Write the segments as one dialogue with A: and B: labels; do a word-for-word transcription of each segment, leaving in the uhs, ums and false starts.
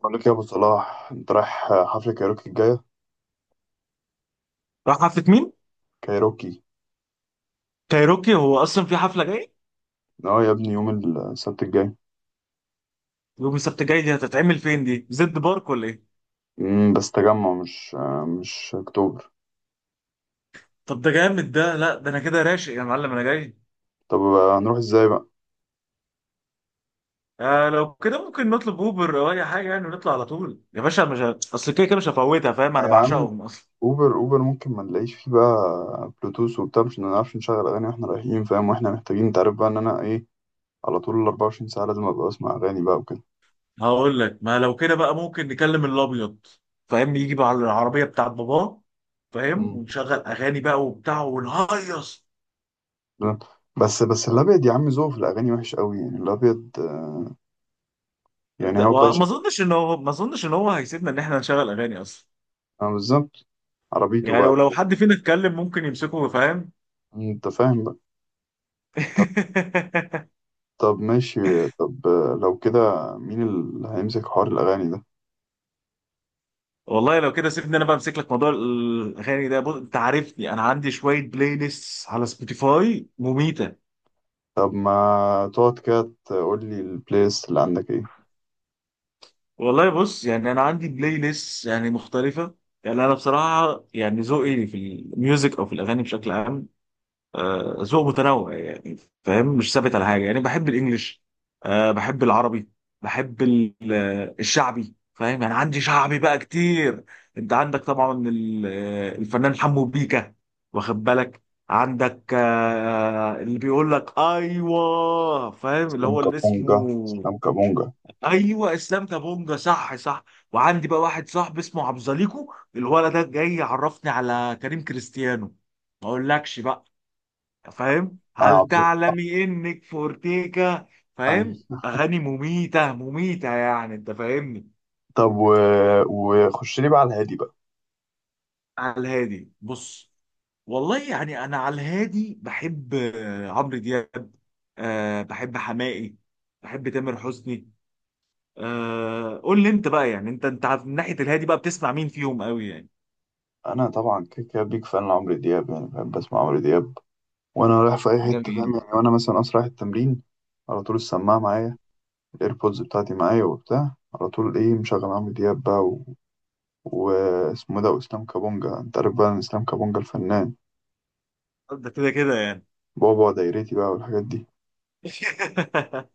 A: بقول لك يا ابو صلاح، انت رايح حفله كايروكي الجايه؟
B: راح حفلة مين؟
A: كايروكي.
B: كايروكي هو أصلا في حفلة جاية؟
A: اه يا ابني، يوم السبت الجاي.
B: يوم السبت الجاي دي هتتعمل فين دي؟ زد بارك ولا إيه؟
A: امم بس تجمع، مش مش اكتوبر.
B: طب ده جامد ده، لا ده أنا كده راشق يا معلم، أنا جاي.
A: طب هنروح ازاي بقى؟
B: آه، لو كده ممكن نطلب أوبر أو أي حاجة يعني ونطلع على طول يا باشا، مش ه- أصل كده كده مش هفوتها، فاهم؟ أنا
A: يا عم،
B: بعشقهم أصلا.
A: اوبر اوبر ممكن ما نلاقيش فيه بقى بلوتوث وبتاع، مش هنعرفش نشغل اغاني واحنا رايحين، فاهم؟ واحنا محتاجين، انت عارف بقى ان انا ايه، على طول ال أربعة وعشرين ساعه لازم ابقى اسمع اغاني بقى وكده.
B: هقول لك، ما لو كده بقى ممكن نكلم الأبيض، فاهم؟ يجي بقى على العربية بتاعت باباه، فاهم؟
A: امم
B: ونشغل أغاني بقى وبتاع ونهيص.
A: بس بس الابيض يا عم، ذوقه في الاغاني وحش قوي يعني. الابيض يعني هو بقى
B: ما
A: شغال؟
B: أظنش إن هو ما أظنش إن هو هيسيبنا إن إحنا نشغل أغاني أصلا.
A: اه، بالظبط. عربيته
B: يعني
A: بقى،
B: ولو حد فينا اتكلم ممكن يمسكه، فاهم؟
A: انت فاهم بقى. طب ماشي. طب، لو كده مين اللي هيمسك حوار الأغاني ده؟
B: والله لو كده سيبني انا بقى امسك لك موضوع الاغاني ده. بص انت عارفني، انا عندي شويه بلاي ليست على سبوتيفاي مميته.
A: طب ما تقعد كده تقول لي البليس اللي عندك ايه.
B: والله بص، يعني انا عندي بلاي ليست يعني مختلفه. يعني انا بصراحه يعني ذوقي في الميوزك او في الاغاني بشكل عام، آه، ذوق متنوع يعني، فاهم؟ مش ثابت على حاجه يعني. بحب الانجليش، آه، بحب العربي، بحب ال- آه، الشعبي، فاهم؟ يعني عندي شعبي بقى كتير. انت عندك طبعا ال- آه، الفنان حمو بيكا، واخد بالك؟ عندك آه، اللي بيقول لك ايوه، فاهم؟ اللي
A: اسلام
B: هو اللي
A: كابونجا،
B: اسمه...
A: اسلام كابونجا
B: ايوه، اسلام كابونجا، صح صح. وعندي بقى واحد صاحبي اسمه عبد زليكو، الولد ده جاي يعرفني على كريم كريستيانو، ما اقولكش بقى، فاهم؟
A: انا
B: هل
A: عبد.
B: تعلمي انك فورتيكا،
A: اي.
B: فاهم؟ اغاني مميته مميته يعني، انت فاهمني.
A: طب و... وخش لي بقى على الهادي بقى.
B: على الهادي بص، والله يعني انا على الهادي بحب آه، عمرو دياب، أه بحب حماقي، بحب تامر حسني. أه قول لي انت بقى، يعني انت انت عارف من ناحيه الهادي بقى بتسمع مين فيهم قوي يعني؟
A: انا طبعا كده كده بيك فان لعمرو دياب، يعني بحب اسمع عمرو دياب وانا رايح في اي حته، فاهم
B: جميل.
A: يعني؟ وانا مثلا اصلا رايح التمرين، على طول السماعه معايا، الايربودز بتاعتي معايا وبتاع، على طول ايه مشغل عمرو دياب بقى و... واسمه ده واسلام كابونجا. انت عارف بقى إن اسلام كابونجا الفنان
B: ده كده كده يعني.
A: بابا دايرتي بقى والحاجات دي.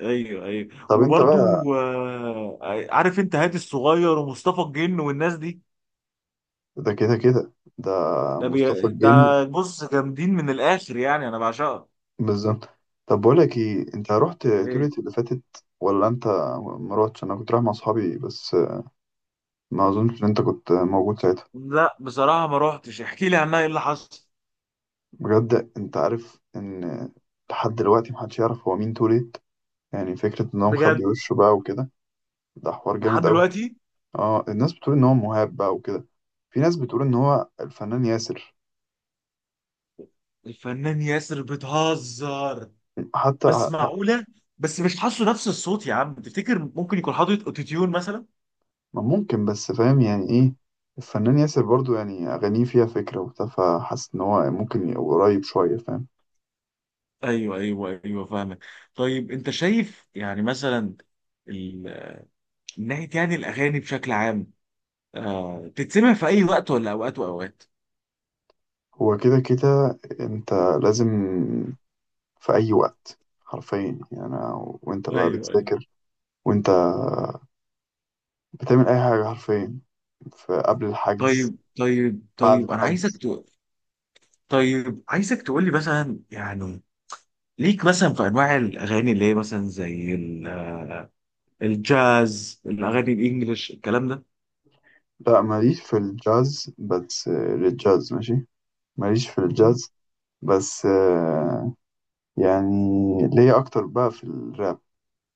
B: ايوه ايوه
A: طب انت بقى،
B: وبرضو آه، عارف انت هادي الصغير ومصطفى الجن والناس دي؟
A: ده كده كده ده
B: ده بي...
A: مصطفى
B: ده.
A: الجن،
B: بص جامدين من الاخر يعني، انا بعشقها.
A: بالظبط. طب بقول لك ايه، انت رحت
B: ايه؟
A: تولت اللي فاتت ولا انت ما رحتش؟ انا كنت رايح مع اصحابي بس، ما اظنش ان انت كنت موجود ساعتها.
B: لا بصراحه ما روحتش، احكي لي عنها، ايه اللي حصل؟
A: بجد انت عارف ان لحد دلوقتي محدش يعرف هو مين توليت؟ يعني فكرة ان هو مخبي
B: بجد؟
A: وشه بقى وكده، ده حوار
B: لحد
A: جامد قوي.
B: دلوقتي؟
A: اه، الناس بتقول ان هو مهاب بقى وكده، في ناس بتقول ان هو الفنان ياسر
B: الفنان ياسر؟ بتهزر؟
A: حتى.
B: بس معقوله؟ بس مش حاسه نفس الصوت يا عم، تفتكر ممكن يكون حاطط اوتوتيون مثلا؟
A: ما ممكن، بس فاهم يعني ايه، الفنان ياسر برضو يعني أغانيه فيها فكرة وبتاع، فحاسس إن هو ممكن يبقى قريب شوية، فاهم؟
B: ايوه ايوه ايوه، فاهمك. طيب انت شايف يعني مثلا ال... من ناحيه يعني الاغاني بشكل عام آه... تتسمع في اي وقت ولا اوقات واوقات؟
A: هو كده كده أنت لازم في أي وقت حرفيا يعني. أنا وأنت
B: ايوه
A: بقى
B: ايوه.
A: بتذاكر، وأنت بتعمل أي حاجة حرفيا، في قبل الحجز
B: طيب طيب
A: بعد
B: طيب انا عايزك
A: الحجز.
B: ت... طيب عايزك تقول لي مثلا يعني، ليك مثلا في انواع الاغاني اللي هي مثلا زي ال- الجاز، الاغاني الانجليش، الكلام ده؟
A: لا ماليش في الجاز، بس آه، للجاز ماشي، ماليش في
B: مهم.
A: الجاز. بس آه، يعني ليا أكتر بقى في الراب،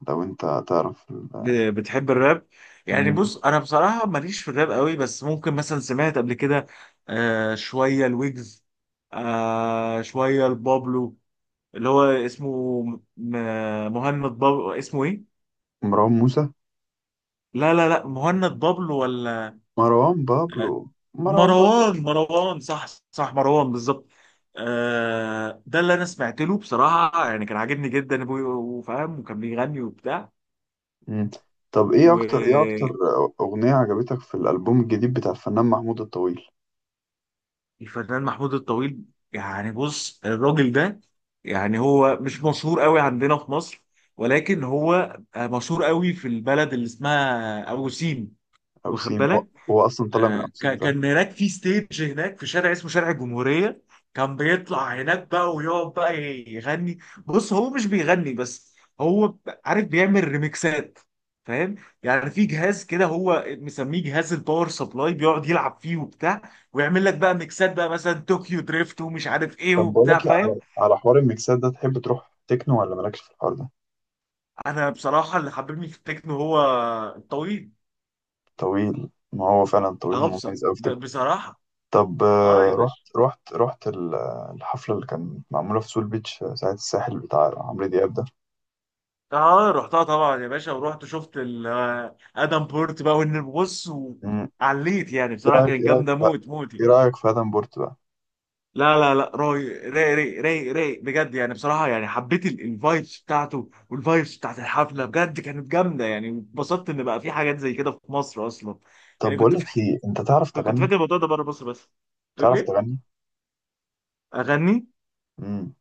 A: لو أنت تعرف.
B: ب- بتحب الراب؟ يعني
A: ال-
B: بص انا بصراحه ماليش في الراب قوي، بس ممكن مثلا سمعت قبل كده آه شويه الويجز، آه شويه البابلو، اللي هو اسمه م- مهند بابلو، اسمه ايه؟
A: مروان موسى.
B: لا لا لا، مهند بابلو ولا
A: مروان بابلو مروان بابلو.
B: مروان؟ مروان، صح. صح، مروان بالظبط. آه ده اللي انا سمعت له بصراحه، يعني كان عاجبني جدا أبوي، وفاهم وكان بيغني وبتاع.
A: مم. طب ايه اكتر ايه
B: والفنان
A: اكتر اغنية عجبتك في الالبوم الجديد بتاع الفنان محمود الطويل؟
B: محمود الطويل، يعني بص الراجل ده، يعني هو مش مشهور قوي عندنا في مصر، ولكن هو آه، مشهور قوي في البلد اللي اسمها ابو سيم،
A: او
B: واخد
A: سيم، هو,
B: بالك؟
A: هو اصلا طالع من
B: آه،
A: اوسيم،
B: ك-
A: فاهم.
B: كان هناك في ستيج هناك في شارع اسمه شارع الجمهورية. كان بيطلع هناك بقى ويقعد بقى يغني. بص هو مش بيغني بس، هو ب- عارف بيعمل ريميكسات، فاهم؟ يعني في جهاز كده هو مسميه جهاز الباور سبلاي، بيقعد يلعب فيه وبتاع ويعمل لك بقى ميكسات بقى، مثلا طوكيو دريفت ومش عارف ايه
A: طب بقول
B: وبتاع،
A: لك إيه،
B: فاهم؟
A: على على حوار الميكسات ده، تحب تروح تكنو ولا مالكش في الحوار ده؟
B: انا بصراحة اللي حببني في التكنو هو الطويل.
A: طويل، ما هو فعلا طويل
B: اه، بص-
A: مميز قوي في تكنو.
B: ب- بصراحة.
A: طب
B: اه
A: آه،
B: يا باشا.
A: رحت رحت رحت ال- الحفلة اللي كانت معمولة في سول بيتش، آه، ساعة الساحل بتاع عمرو دياب ده.
B: اه رحتها طبعا يا باشا، ورحت شفت ال- آه، ادم بورت بقى، وان بص
A: مم.
B: وعليت يعني
A: ايه
B: بصراحه
A: رأيك
B: كانت
A: ايه رأيك
B: جامده موت
A: ايه
B: موتي.
A: رأيك في ادم بورت بقى؟
B: لا لا لا، رايق رايق رايق رايق رايق بجد، يعني بصراحه يعني حبيت ال- الفايبس بتاعته والفايبس بتاعت الحفله، بجد كانت جامده يعني. اتبسطت ان بقى في حاجات زي كده في مصر اصلا.
A: طب
B: يعني
A: بقول
B: كنت
A: لك
B: فاكر.
A: ايه، انت تعرف
B: كنت
A: تغني؟
B: فاكر الموضوع ده بره مصر بس، تقول
A: تعرف
B: لي؟
A: تغني؟
B: اغني؟
A: امم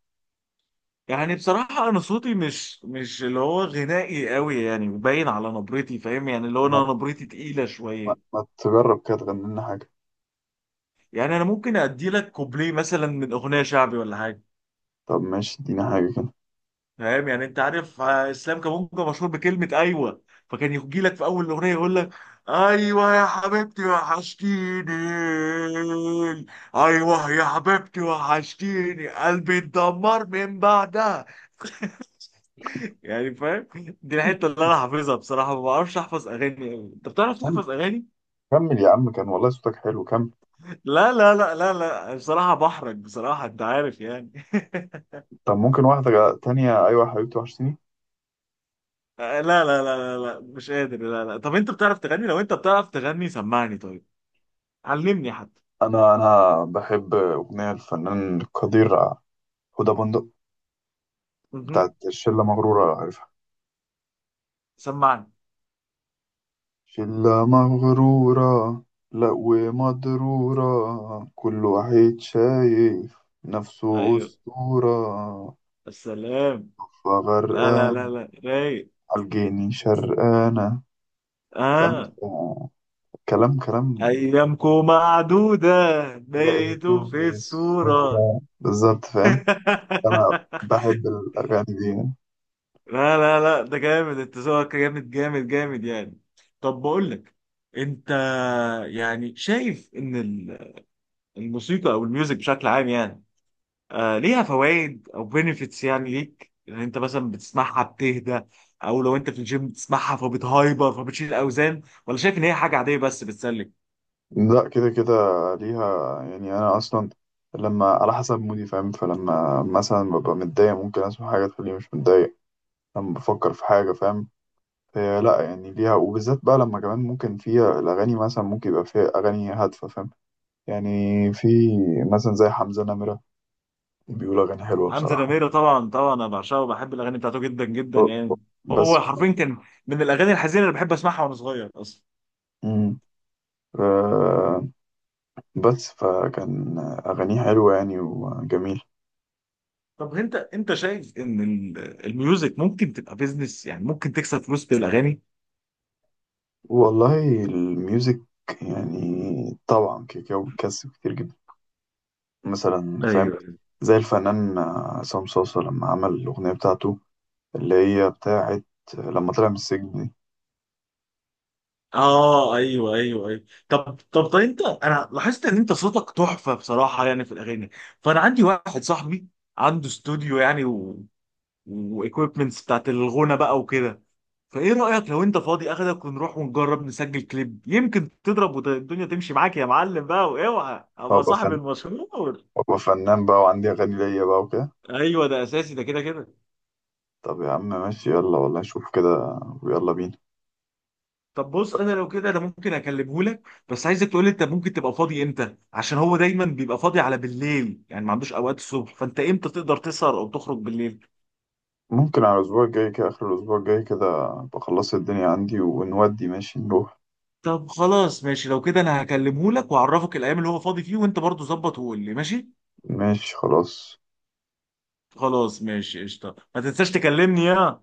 B: يعني بصراحة أنا صوتي مش مش اللي هو غنائي قوي يعني، باين على نبرتي، فاهم؟ يعني اللي هو
A: ما,
B: أنا نبرتي تقيلة
A: ما,
B: شوية.
A: ما تجرب كده تغني لنا حاجة.
B: يعني انا ممكن ادي لك كوبليه مثلا من اغنيه شعبي ولا حاجه.
A: طب ماشي، ادينا حاجة كده.
B: فاهم يعني انت عارف آه، اسلام كابونجا مشهور بكلمه ايوه، فكان يجي لك في اول الاغنيه يقول لك: ايوه يا حبيبتي وحشتيني، ايوه يا حبيبتي وحشتيني قلبي اتدمر من بعدها. يعني فاهم؟ دي الحته اللي انا حافظها بصراحه، ما بعرفش احفظ اغاني قوي. انت بتعرف
A: كم-
B: تحفظ اغاني؟
A: كمل يا عم، كان والله صوتك حلو، كمل.
B: لا لا لا لا لا، بصراحه بحرج بصراحه، انت عارف يعني.
A: طب ممكن واحدة جا- تانية، أيوة يا حبيبتي وحشتيني.
B: آه، لا لا لا لا لا مش قادر، لا لا. طب انت بتعرف تغني؟ لو انت بتعرف تغني سمعني طيب، علمني حتى.
A: أنا أنا بحب أغنية الفنان القدير هدى بندق،
B: مهم.
A: بتاعت شلة مغرورة، عارفها؟
B: سمعني.
A: شلة مغرورة لا ومضرورة، كل واحد شايف نفسه
B: ايوه،
A: أسطورة.
B: السلام. لا لا
A: فغرقان
B: لا لا، رايق.
A: عالجيني شرقانة، فاهم؟
B: اه،
A: كلام كلام،
B: ايامكم معدودة بقيتوا
A: لقيته
B: في
A: في
B: الصورة.
A: الصورة بالظبط، فاهم؟ أنا بحب الأغاني دي يعني.
B: لا لا لا، ده جامد، انت ذوقك جامد جامد جامد يعني. طب بقول لك، انت يعني شايف ان ال- الموسيقى او الميوزك بشكل عام يعني آه ليها فوائد او بينيفيتس يعني ليك، ان انت مثلا بتسمعها بتهدى، او لو انت في الجيم بتسمعها فبتهايبر فبتشيل اوزان، ولا شايف ان هي حاجه عاديه بس بتسلك؟
A: لا كده كده ليها يعني، أنا أصلا لما على حسب مودي فاهم، فلما مثلا ببقى متضايق ممكن أسمع حاجة تخليني مش متضايق، لما بفكر في حاجة فاهم. هي لا يعني ليها، وبالذات بقى لما كمان ممكن فيها الأغاني، مثلا ممكن يبقى فيها أغاني هادفة، فاهم يعني؟ في مثلا زي حمزة نمرة، بيقول أغاني حلوة
B: حمزة
A: بصراحة.
B: نميرة طبعا طبعا، انا بعشقه وبحب الاغاني بتاعته جدا جدا يعني.
A: بس
B: هو حرفيا كان من الاغاني الحزينه اللي بحب اسمعها وانا صغير اصلا.
A: مم. آه، بس فكان أغانيه حلوة يعني وجميل.
B: طب انت انت شايف ان ال- الميوزك ممكن تبقى بيزنس، يعني ممكن تكسب فلوس بالاغاني؟
A: والله الميوزك يعني طبعا كده كده بتكسب كتير جدا، مثلا فاهم،
B: ايوه.
A: زي الفنان عصام صاصة لما عمل الأغنية بتاعته اللي هي بتاعت لما طلع من السجن دي.
B: اه ايوه ايوه ايوه. طب طب طب انت، انا لاحظت ان انت صوتك تحفه بصراحه يعني في الاغاني، فانا عندي واحد صاحبي عنده استوديو يعني و... وايكويبمنتس بتاعت الغنى بقى وكده. فايه رايك لو انت فاضي اخدك ونروح ونجرب نسجل كليب، يمكن تضرب والدنيا تمشي معاك يا معلم بقى، واوعى ابقى
A: وأبقى
B: صاحب
A: فن
B: المشروع.
A: وأبقى فنان بقى، وعندي أغاني ليا بقى وكده.
B: ايوه ده اساسي، ده كده كده.
A: طب يا عم ماشي، يلا والله نشوف كده ويلا بينا.
B: طب بص انا، لو كده انا ممكن اكلمه لك، بس عايزك تقول لي انت ممكن تبقى فاضي امتى، عشان هو دايما بيبقى فاضي على بالليل يعني، ما عندوش اوقات الصبح. فانت امتى تقدر تسهر او تخرج بالليل؟
A: ممكن على الأسبوع الجاي كده، آخر الأسبوع الجاي كده أبقى خلصت الدنيا عندي ونودي ماشي نروح.
B: طب خلاص ماشي، لو كده انا هكلمه لك واعرفك الايام اللي هو فاضي فيه، وانت برضو ظبط وقول لي. ماشي؟
A: ماشي خلاص.
B: خلاص ماشي قشطه، ما تنساش تكلمني يا...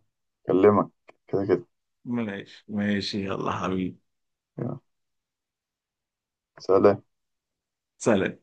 A: أكلمك كده كده.
B: ماشي ماشي يلا حبيبي.
A: يلا. سلام.
B: سلام.